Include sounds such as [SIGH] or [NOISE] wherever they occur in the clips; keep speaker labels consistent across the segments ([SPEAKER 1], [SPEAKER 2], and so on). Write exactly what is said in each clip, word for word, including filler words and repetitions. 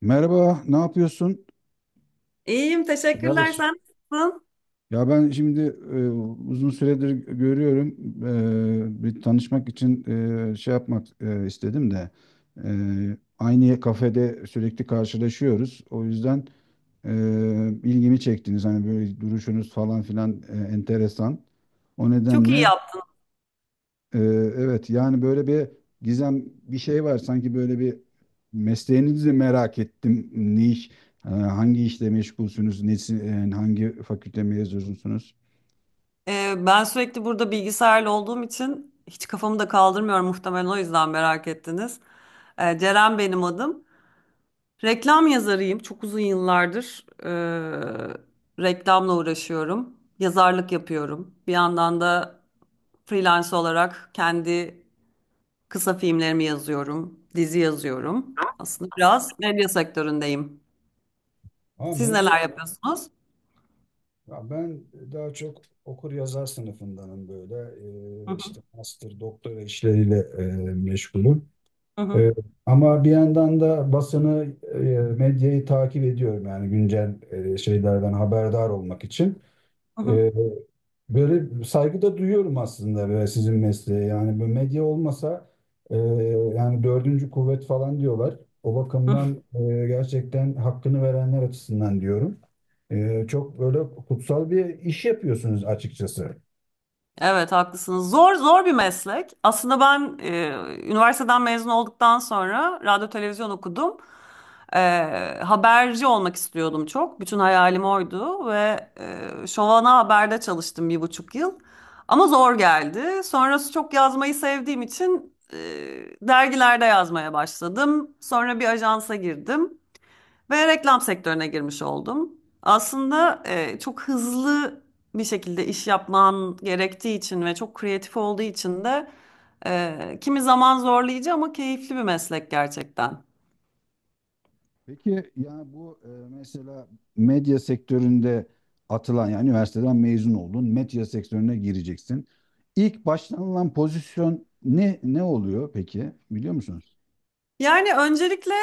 [SPEAKER 1] Merhaba, ne yapıyorsun?
[SPEAKER 2] İyiyim, teşekkürler.
[SPEAKER 1] Evet.
[SPEAKER 2] Sen nasılsın?
[SPEAKER 1] Ya ben şimdi e, uzun süredir görüyorum. E, bir tanışmak için e, şey yapmak e, istedim de e, aynı kafede sürekli karşılaşıyoruz. O yüzden e, ilgimi çektiniz. Hani böyle duruşunuz falan filan e, enteresan. O
[SPEAKER 2] Çok iyi
[SPEAKER 1] nedenle
[SPEAKER 2] yaptın.
[SPEAKER 1] Ee, evet yani böyle bir gizem bir şey var sanki böyle bir mesleğinizi merak ettim. Ne iş, e, hangi işle meşgulsünüz, nesi, e, hangi fakülte mezunusunuz?
[SPEAKER 2] Ee, ben sürekli burada bilgisayarla olduğum için hiç kafamı da kaldırmıyorum, muhtemelen o yüzden merak ettiniz. Ee, Ceren benim adım. Reklam yazarıyım. Çok uzun yıllardır e, reklamla uğraşıyorum. Yazarlık yapıyorum. Bir yandan da freelance olarak kendi kısa filmlerimi yazıyorum, dizi yazıyorum. Aslında biraz medya sektöründeyim.
[SPEAKER 1] Ama
[SPEAKER 2] Siz
[SPEAKER 1] medya,
[SPEAKER 2] neler yapıyorsunuz?
[SPEAKER 1] ya ben daha çok okur yazar sınıfındanım böyle.
[SPEAKER 2] Hı
[SPEAKER 1] Ee,
[SPEAKER 2] hı,
[SPEAKER 1] işte master, doktora işleriyle e, meşgulüm.
[SPEAKER 2] hı hı,
[SPEAKER 1] Ee, ama bir yandan da basını, e, medyayı takip ediyorum yani güncel e, şeylerden haberdar olmak için.
[SPEAKER 2] hı
[SPEAKER 1] Ee, böyle saygı da duyuyorum aslında böyle sizin mesleğe. Yani bu medya olmasa e, yani dördüncü kuvvet falan diyorlar. O
[SPEAKER 2] hı.
[SPEAKER 1] bakımdan e, gerçekten hakkını verenler açısından diyorum. E, çok böyle kutsal bir iş yapıyorsunuz açıkçası.
[SPEAKER 2] Evet, haklısınız. Zor, zor bir meslek. Aslında ben e, üniversiteden mezun olduktan sonra radyo televizyon okudum. E, Haberci olmak istiyordum çok. Bütün hayalim oydu ve e, Şovana Haber'de çalıştım bir buçuk yıl. Ama zor geldi. Sonrası çok yazmayı sevdiğim için e, dergilerde yazmaya başladım. Sonra bir ajansa girdim. Ve reklam sektörüne girmiş oldum. Aslında e, çok hızlı bir şekilde iş yapman gerektiği için ve çok kreatif olduğu için de e, kimi zaman zorlayıcı ama keyifli bir meslek gerçekten.
[SPEAKER 1] Peki yani bu e, mesela medya sektöründe atılan yani üniversiteden mezun oldun, medya sektörüne gireceksin. İlk başlanılan pozisyon ne ne oluyor peki biliyor musunuz?
[SPEAKER 2] Yani öncelikle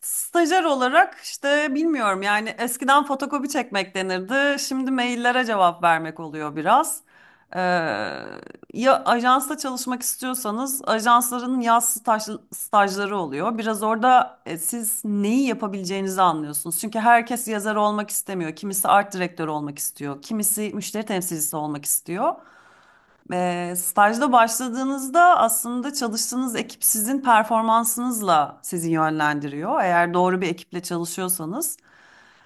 [SPEAKER 2] stajyer olarak, işte bilmiyorum, yani eskiden fotokopi çekmek denirdi. Şimdi maillere cevap vermek oluyor biraz. Ee, Ya ajansta çalışmak istiyorsanız ajansların yaz staj, stajları oluyor. Biraz orada e, siz neyi yapabileceğinizi anlıyorsunuz. Çünkü herkes yazar olmak istemiyor. Kimisi art direktör olmak istiyor. Kimisi müşteri temsilcisi olmak istiyor. Eee, stajda başladığınızda aslında çalıştığınız ekip sizin performansınızla sizi yönlendiriyor, eğer doğru bir ekiple çalışıyorsanız.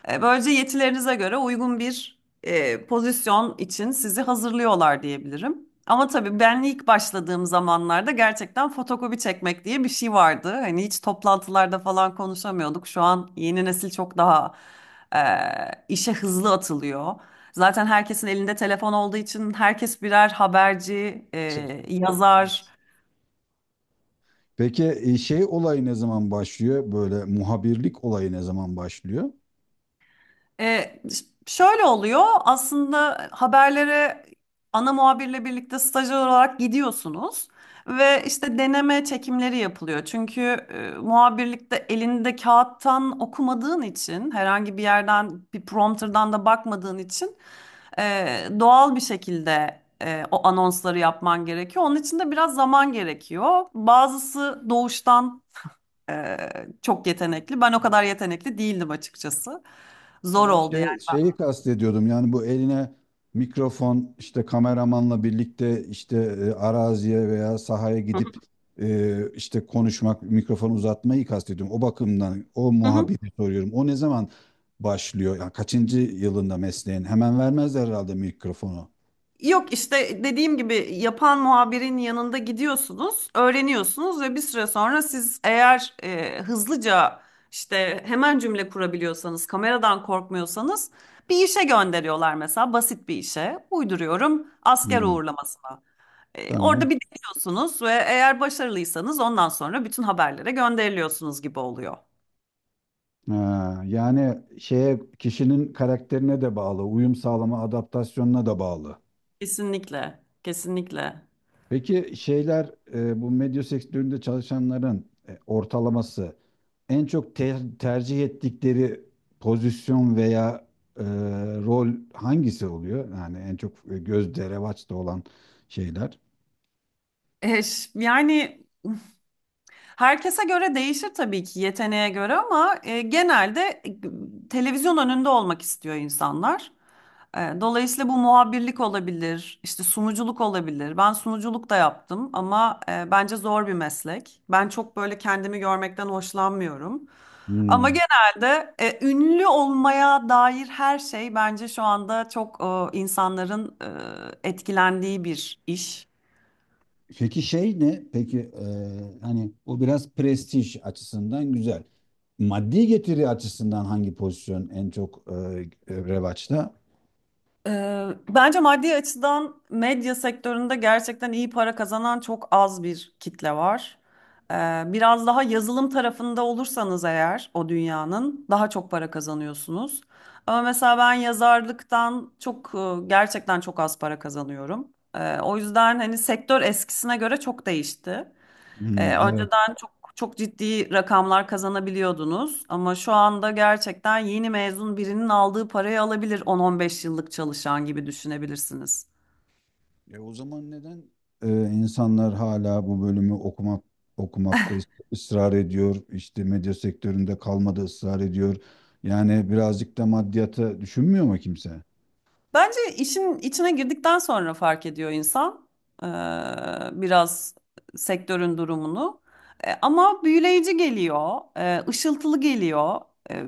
[SPEAKER 2] E, Böylece yetilerinize göre uygun bir e, pozisyon için sizi hazırlıyorlar diyebilirim. Ama tabii ben ilk başladığım zamanlarda gerçekten fotokopi çekmek diye bir şey vardı. Hani hiç toplantılarda falan konuşamıyorduk. Şu an yeni nesil çok daha e, işe hızlı atılıyor. Zaten herkesin elinde telefon olduğu için herkes birer haberci, e,
[SPEAKER 1] Tüh.
[SPEAKER 2] yazar.
[SPEAKER 1] Evet. Peki e, şey olayı ne zaman başlıyor? Böyle muhabirlik olayı ne zaman başlıyor?
[SPEAKER 2] E, ş- şöyle oluyor aslında, haberlere ana muhabirle birlikte stajyer olarak gidiyorsunuz ve işte deneme çekimleri yapılıyor. Çünkü e, muhabirlikte elinde kağıttan okumadığın için, herhangi bir yerden bir prompterdan da bakmadığın için e, doğal bir şekilde e, o anonsları yapman gerekiyor. Onun için de biraz zaman gerekiyor. Bazısı doğuştan e, çok yetenekli. Ben o kadar yetenekli değildim açıkçası.
[SPEAKER 1] Ya
[SPEAKER 2] Zor
[SPEAKER 1] ben
[SPEAKER 2] oldu.
[SPEAKER 1] şey şeyi kastediyordum yani bu eline mikrofon işte kameramanla birlikte işte e, araziye veya sahaya
[SPEAKER 2] Hı
[SPEAKER 1] gidip e, işte konuşmak, mikrofonu uzatmayı kastediyorum. O bakımdan o
[SPEAKER 2] hı. Hı.
[SPEAKER 1] muhabbeti soruyorum. O ne zaman başlıyor? Yani kaçıncı yılında mesleğin? Hemen vermezler herhalde mikrofonu.
[SPEAKER 2] Yok, işte dediğim gibi yapan muhabirin yanında gidiyorsunuz, öğreniyorsunuz ve bir süre sonra siz eğer e, hızlıca, işte hemen cümle kurabiliyorsanız, kameradan korkmuyorsanız, bir işe gönderiyorlar, mesela basit bir işe. Uyduruyorum, asker
[SPEAKER 1] Hmm,
[SPEAKER 2] uğurlamasına. E,
[SPEAKER 1] tamam.
[SPEAKER 2] orada bir deniyorsunuz ve eğer başarılıysanız ondan sonra bütün haberlere gönderiliyorsunuz gibi oluyor.
[SPEAKER 1] Ha, yani şeye kişinin karakterine de bağlı, uyum sağlama, adaptasyonuna da bağlı.
[SPEAKER 2] Kesinlikle, kesinlikle.
[SPEAKER 1] Peki şeyler e, bu medya sektöründe çalışanların e, ortalaması en çok ter- tercih ettikleri pozisyon veya e, rol hangisi oluyor? Yani en çok e, gözde revaçta olan şeyler.
[SPEAKER 2] E, ş- yani herkese göre değişir tabii ki, yeteneğe göre, ama e, genelde e, televizyon önünde olmak istiyor insanlar. E, dolayısıyla bu muhabirlik olabilir, işte sunuculuk olabilir. Ben sunuculuk da yaptım ama e, bence zor bir meslek. Ben çok böyle kendimi görmekten hoşlanmıyorum. Ama
[SPEAKER 1] Hmm.
[SPEAKER 2] genelde e, ünlü olmaya dair her şey bence şu anda çok e, insanların e, etkilendiği bir iş.
[SPEAKER 1] Peki şey ne? Peki e, hani o biraz prestij açısından güzel. Maddi getiri açısından hangi pozisyon en çok e, revaçta?
[SPEAKER 2] Ee, bence maddi açıdan medya sektöründe gerçekten iyi para kazanan çok az bir kitle var. Ee, biraz daha yazılım tarafında olursanız eğer, o dünyanın daha çok para kazanıyorsunuz. Ama mesela ben yazarlıktan çok e, gerçekten çok az para kazanıyorum. Ee, o yüzden hani sektör eskisine göre çok değişti. Ee,
[SPEAKER 1] Hmm, evet.
[SPEAKER 2] önceden çok çok ciddi rakamlar kazanabiliyordunuz ama şu anda gerçekten yeni mezun birinin aldığı parayı alabilir on on beş yıllık çalışan gibi düşünebilirsiniz.
[SPEAKER 1] E, o zaman neden e, insanlar hala bu bölümü okumak okumakta is- ısrar ediyor? İşte medya sektöründe kalmada ısrar ediyor. Yani birazcık da maddiyata düşünmüyor mu kimse?
[SPEAKER 2] Bence işin içine girdikten sonra fark ediyor insan eee, biraz sektörün durumunu. E, ama büyüleyici geliyor, e, ışıltılı geliyor. E,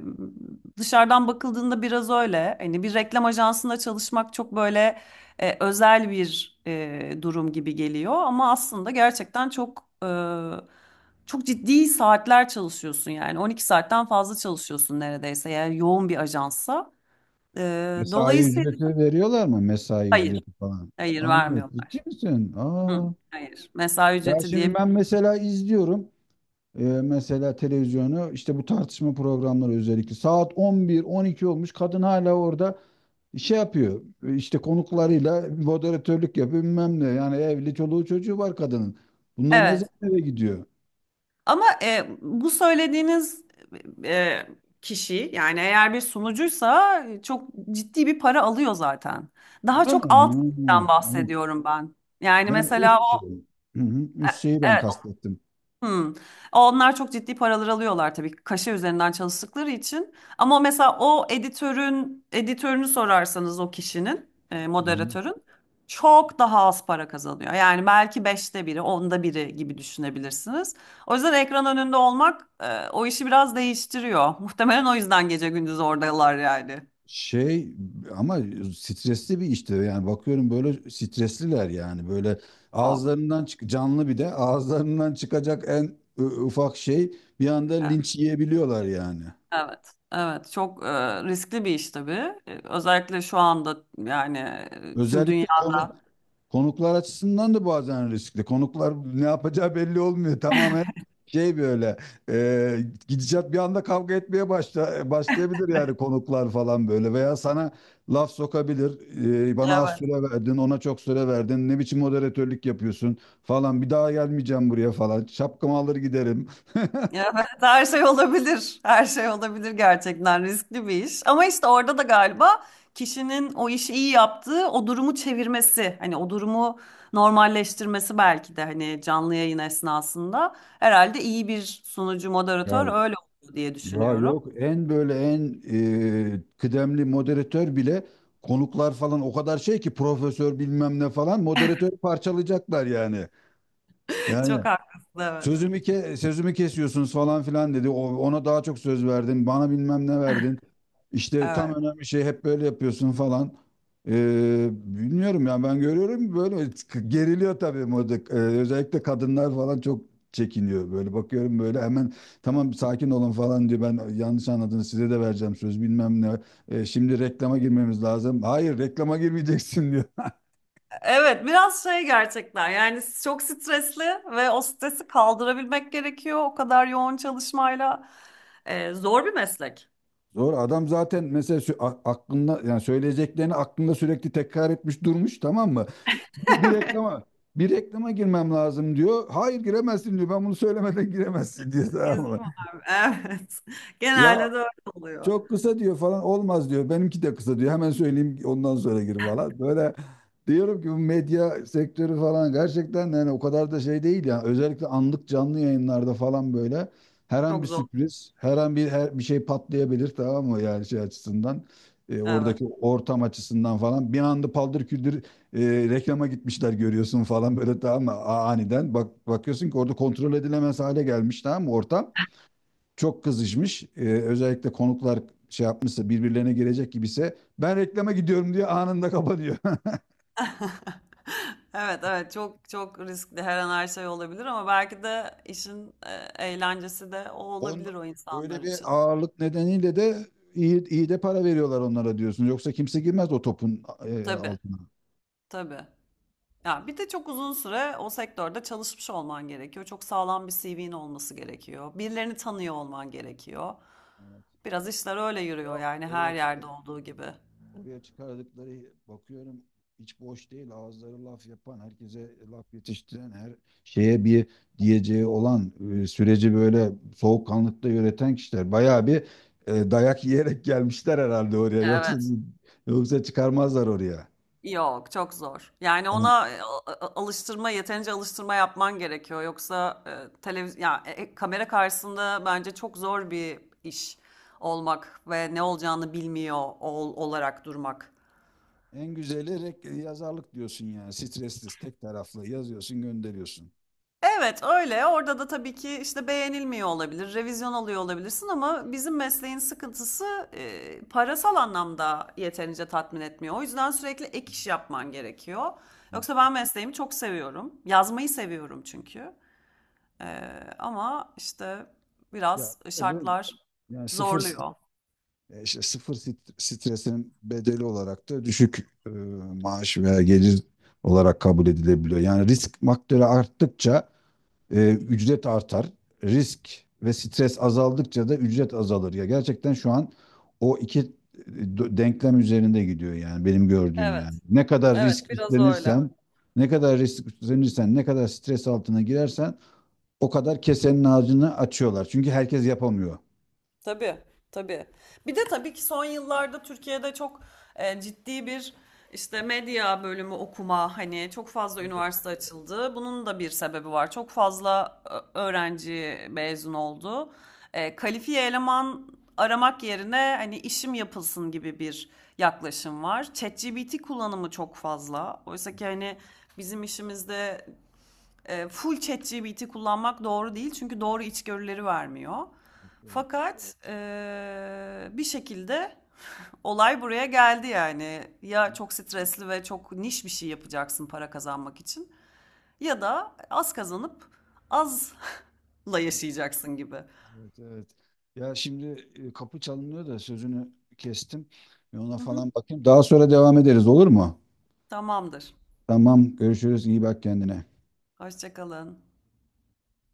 [SPEAKER 2] Dışarıdan bakıldığında biraz öyle. Hani bir reklam ajansında çalışmak çok böyle e, özel bir e, durum gibi geliyor. Ama aslında gerçekten çok e, çok ciddi saatler çalışıyorsun, yani on iki saatten fazla çalışıyorsun neredeyse, eğer yoğun bir ajansa. E,
[SPEAKER 1] Mesai
[SPEAKER 2] Dolayısıyla
[SPEAKER 1] ücreti veriyorlar mı? Mesai
[SPEAKER 2] hayır.
[SPEAKER 1] ücreti falan.
[SPEAKER 2] Hayır
[SPEAKER 1] Anladım. Ciddi
[SPEAKER 2] vermiyorlar.
[SPEAKER 1] misin?
[SPEAKER 2] Hı,
[SPEAKER 1] Aa.
[SPEAKER 2] hayır. Mesai
[SPEAKER 1] Ya
[SPEAKER 2] ücreti
[SPEAKER 1] şimdi
[SPEAKER 2] diye.
[SPEAKER 1] ben mesela izliyorum. e, mesela televizyonu işte bu tartışma programları özellikle saat on bir on iki olmuş kadın hala orada şey yapıyor işte konuklarıyla moderatörlük yapıyor bilmem ne yani evli çoluğu çocuğu var kadının. Bunlar ne
[SPEAKER 2] Evet.
[SPEAKER 1] zaman eve gidiyor?
[SPEAKER 2] Ama e, bu söylediğiniz e, kişi, yani eğer bir sunucuysa e, çok ciddi bir para alıyor zaten. Daha
[SPEAKER 1] Öyle
[SPEAKER 2] çok alt
[SPEAKER 1] mi? Ha,
[SPEAKER 2] tipten
[SPEAKER 1] ha.
[SPEAKER 2] bahsediyorum ben. Yani
[SPEAKER 1] Ben
[SPEAKER 2] mesela
[SPEAKER 1] üst
[SPEAKER 2] o,
[SPEAKER 1] şey, hı hı, üst şeyi ben
[SPEAKER 2] evet.
[SPEAKER 1] kastettim.
[SPEAKER 2] Hmm. Onlar çok ciddi paralar alıyorlar tabii, kaşe üzerinden çalıştıkları için. Ama mesela o editörün editörünü sorarsanız, o kişinin e,
[SPEAKER 1] Hı hı.
[SPEAKER 2] moderatörün çok daha az para kazanıyor. Yani belki beşte biri, onda biri gibi düşünebilirsiniz. O yüzden ekran önünde olmak e, o işi biraz değiştiriyor. [LAUGHS] Muhtemelen o yüzden gece gündüz oradalar yani.
[SPEAKER 1] Şey ama stresli bir işte yani bakıyorum böyle stresliler yani böyle
[SPEAKER 2] Çok.
[SPEAKER 1] ağızlarından çık canlı bir de ağızlarından çıkacak en ı, ufak şey bir anda
[SPEAKER 2] E,
[SPEAKER 1] linç yiyebiliyorlar yani.
[SPEAKER 2] Evet, evet, çok e, riskli bir iş tabii. E, Özellikle şu anda yani e, tüm dünya.
[SPEAKER 1] Özellikle konu Konuklar açısından da bazen riskli. Konuklar ne yapacağı belli olmuyor. Tamamen şey böyle e, gidişat bir anda kavga etmeye başla, başlayabilir yani
[SPEAKER 2] [LAUGHS]
[SPEAKER 1] konuklar falan böyle veya sana laf sokabilir. E, bana az
[SPEAKER 2] Evet.
[SPEAKER 1] süre verdin, ona çok süre verdin. Ne biçim moderatörlük yapıyorsun falan. Bir daha gelmeyeceğim buraya falan. Şapkamı alır giderim. [LAUGHS]
[SPEAKER 2] Ya evet, her şey olabilir. Her şey olabilir, gerçekten riskli bir iş. Ama işte orada da galiba kişinin o işi iyi yaptığı, o durumu çevirmesi, hani o durumu normalleştirmesi, belki de hani canlı yayın esnasında, herhalde iyi bir sunucu, moderatör
[SPEAKER 1] Ya
[SPEAKER 2] öyle oldu diye
[SPEAKER 1] Ya
[SPEAKER 2] düşünüyorum.
[SPEAKER 1] yok en böyle en e, kıdemli moderatör bile konuklar falan o kadar şey ki profesör bilmem ne falan moderatörü parçalayacaklar yani.
[SPEAKER 2] [LAUGHS]
[SPEAKER 1] Yani
[SPEAKER 2] Çok haklısın, evet.
[SPEAKER 1] Sözümü ke sözümü kesiyorsunuz falan filan dedi. O, ona daha çok söz verdin. Bana bilmem ne verdin. İşte tam
[SPEAKER 2] Evet.
[SPEAKER 1] önemli şey hep böyle yapıyorsun falan. Ee, bilmiyorum ya ben görüyorum böyle geriliyor tabii moda. Ee, özellikle kadınlar falan çok çekiniyor böyle bakıyorum böyle hemen tamam sakin olun falan diyor ben yanlış anladınız size de vereceğim söz bilmem ne. Ee, şimdi reklama girmemiz lazım hayır reklama girmeyeceksin diyor [LAUGHS]
[SPEAKER 2] Evet, biraz şey, gerçekten yani çok stresli ve o stresi kaldırabilmek gerekiyor, o kadar yoğun çalışmayla. Ee, zor bir meslek.
[SPEAKER 1] Zor adam zaten mesela sü- a- aklında yani söyleyeceklerini aklında sürekli tekrar etmiş durmuş tamam mı? Bir, bir
[SPEAKER 2] [LAUGHS]
[SPEAKER 1] reklama bir reklama girmem lazım diyor. Hayır giremezsin diyor. Ben bunu söylemeden giremezsin diyor [LAUGHS] tamam
[SPEAKER 2] Bizim
[SPEAKER 1] mı?
[SPEAKER 2] var. Evet. [LAUGHS]
[SPEAKER 1] Ya
[SPEAKER 2] Genelde de öyle oluyor.
[SPEAKER 1] çok kısa diyor falan olmaz diyor. Benimki de kısa diyor. Hemen söyleyeyim ondan sonra gir falan. Böyle diyorum ki bu medya sektörü falan gerçekten yani o kadar da şey değil ya. Özellikle anlık canlı yayınlarda falan böyle her an
[SPEAKER 2] Çok
[SPEAKER 1] bir
[SPEAKER 2] zor.
[SPEAKER 1] sürpriz, her an bir her, bir şey patlayabilir tamam mı yani şey açısından. e,
[SPEAKER 2] Evet.
[SPEAKER 1] oradaki ortam açısından falan bir anda paldır küldür e, reklama gitmişler görüyorsun falan böyle tamam mı. A- aniden bak bakıyorsun ki orada kontrol edilemez hale gelmiş tamam mı ortam çok kızışmış. Ee, özellikle konuklar şey yapmışsa birbirlerine gelecek gibiyse ben reklama gidiyorum diye anında kapanıyor.
[SPEAKER 2] [LAUGHS] Evet, evet, çok çok riskli, her an her şey olabilir, ama belki de işin e, eğlencesi de o
[SPEAKER 1] [LAUGHS] On,
[SPEAKER 2] olabilir o insanlar
[SPEAKER 1] öyle bir
[SPEAKER 2] için.
[SPEAKER 1] ağırlık nedeniyle de iyi, iyi de para veriyorlar onlara diyorsun. Yoksa kimse girmez o topun e,
[SPEAKER 2] Tabii,
[SPEAKER 1] altına.
[SPEAKER 2] tabii. Ya bir de çok uzun süre o sektörde çalışmış olman gerekiyor. Çok sağlam bir C V'nin olması gerekiyor. Birilerini tanıyor olman gerekiyor.
[SPEAKER 1] Evet.
[SPEAKER 2] Biraz işler öyle yürüyor
[SPEAKER 1] Yok
[SPEAKER 2] yani, her
[SPEAKER 1] oraya
[SPEAKER 2] yerde
[SPEAKER 1] çıkma.
[SPEAKER 2] olduğu gibi.
[SPEAKER 1] Oraya çıkardıkları bakıyorum hiç boş değil. Ağızları laf yapan, herkese laf yetiştiren, her şeye bir diyeceği olan, e, süreci böyle soğukkanlıkta yöneten kişiler. Bayağı bir e, dayak yiyerek gelmişler herhalde oraya. Yoksa
[SPEAKER 2] Evet.
[SPEAKER 1] yoksa çıkarmazlar oraya.
[SPEAKER 2] Yok, çok zor. Yani
[SPEAKER 1] Yani
[SPEAKER 2] ona e, a- a- alıştırma, yeterince alıştırma yapman gerekiyor. Yoksa e, televiz ya e, e, kamera karşısında bence çok zor bir iş olmak ve ne olacağını bilmiyor ol olarak durmak.
[SPEAKER 1] en güzeli rek- yazarlık diyorsun yani. Stressiz, tek taraflı yazıyorsun, gönderiyorsun.
[SPEAKER 2] Evet, öyle. Orada da tabii ki işte beğenilmiyor olabilir, revizyon alıyor olabilirsin, ama bizim mesleğin sıkıntısı e, parasal anlamda yeterince tatmin etmiyor. O yüzden sürekli ek iş yapman gerekiyor. Yoksa ben mesleğimi çok seviyorum. Yazmayı seviyorum çünkü. Eee, ama işte
[SPEAKER 1] Ya,
[SPEAKER 2] biraz
[SPEAKER 1] öyle mi?
[SPEAKER 2] şartlar
[SPEAKER 1] Yani sıfır.
[SPEAKER 2] zorluyor.
[SPEAKER 1] E, işte sıfır sit- stresinin bedeli olarak da düşük e, maaş veya gelir olarak kabul edilebiliyor. Yani risk faktörü arttıkça e, ücret artar. Risk ve stres azaldıkça da ücret azalır. Ya gerçekten şu an o iki e, d- denklem üzerinde gidiyor yani benim gördüğüm yani.
[SPEAKER 2] Evet,
[SPEAKER 1] Ne kadar
[SPEAKER 2] evet,
[SPEAKER 1] risk
[SPEAKER 2] biraz öyle.
[SPEAKER 1] üstlenirsen, ne kadar risk üstlenirsen, ne kadar stres altına girersen o kadar kesenin ağzını açıyorlar. Çünkü herkes yapamıyor.
[SPEAKER 2] Tabii, tabii. Bir de tabii ki son yıllarda Türkiye'de çok e, ciddi bir işte medya bölümü okuma, hani çok fazla
[SPEAKER 1] Evet,
[SPEAKER 2] üniversite açıldı. Bunun da bir sebebi var. Çok fazla ö- öğrenci mezun oldu. E, kalifiye eleman aramak yerine, hani işim yapılsın gibi bir yaklaşım var. ChatGPT kullanımı çok fazla. Oysa ki hani bizim işimizde e, full ChatGPT kullanmak doğru değil, çünkü doğru içgörüleri vermiyor.
[SPEAKER 1] evet.
[SPEAKER 2] Fakat e, bir şekilde olay buraya geldi yani. Ya çok stresli ve çok niş bir şey yapacaksın para kazanmak için, ya da az kazanıp azla [LAUGHS] yaşayacaksın gibi.
[SPEAKER 1] Evet, evet. Ya şimdi e, kapı çalınıyor da sözünü kestim. Bir ona
[SPEAKER 2] Hı hı,
[SPEAKER 1] falan bakayım. Daha sonra devam ederiz olur mu?
[SPEAKER 2] tamamdır.
[SPEAKER 1] Tamam, görüşürüz. İyi bak kendine.
[SPEAKER 2] Hoşça kalın.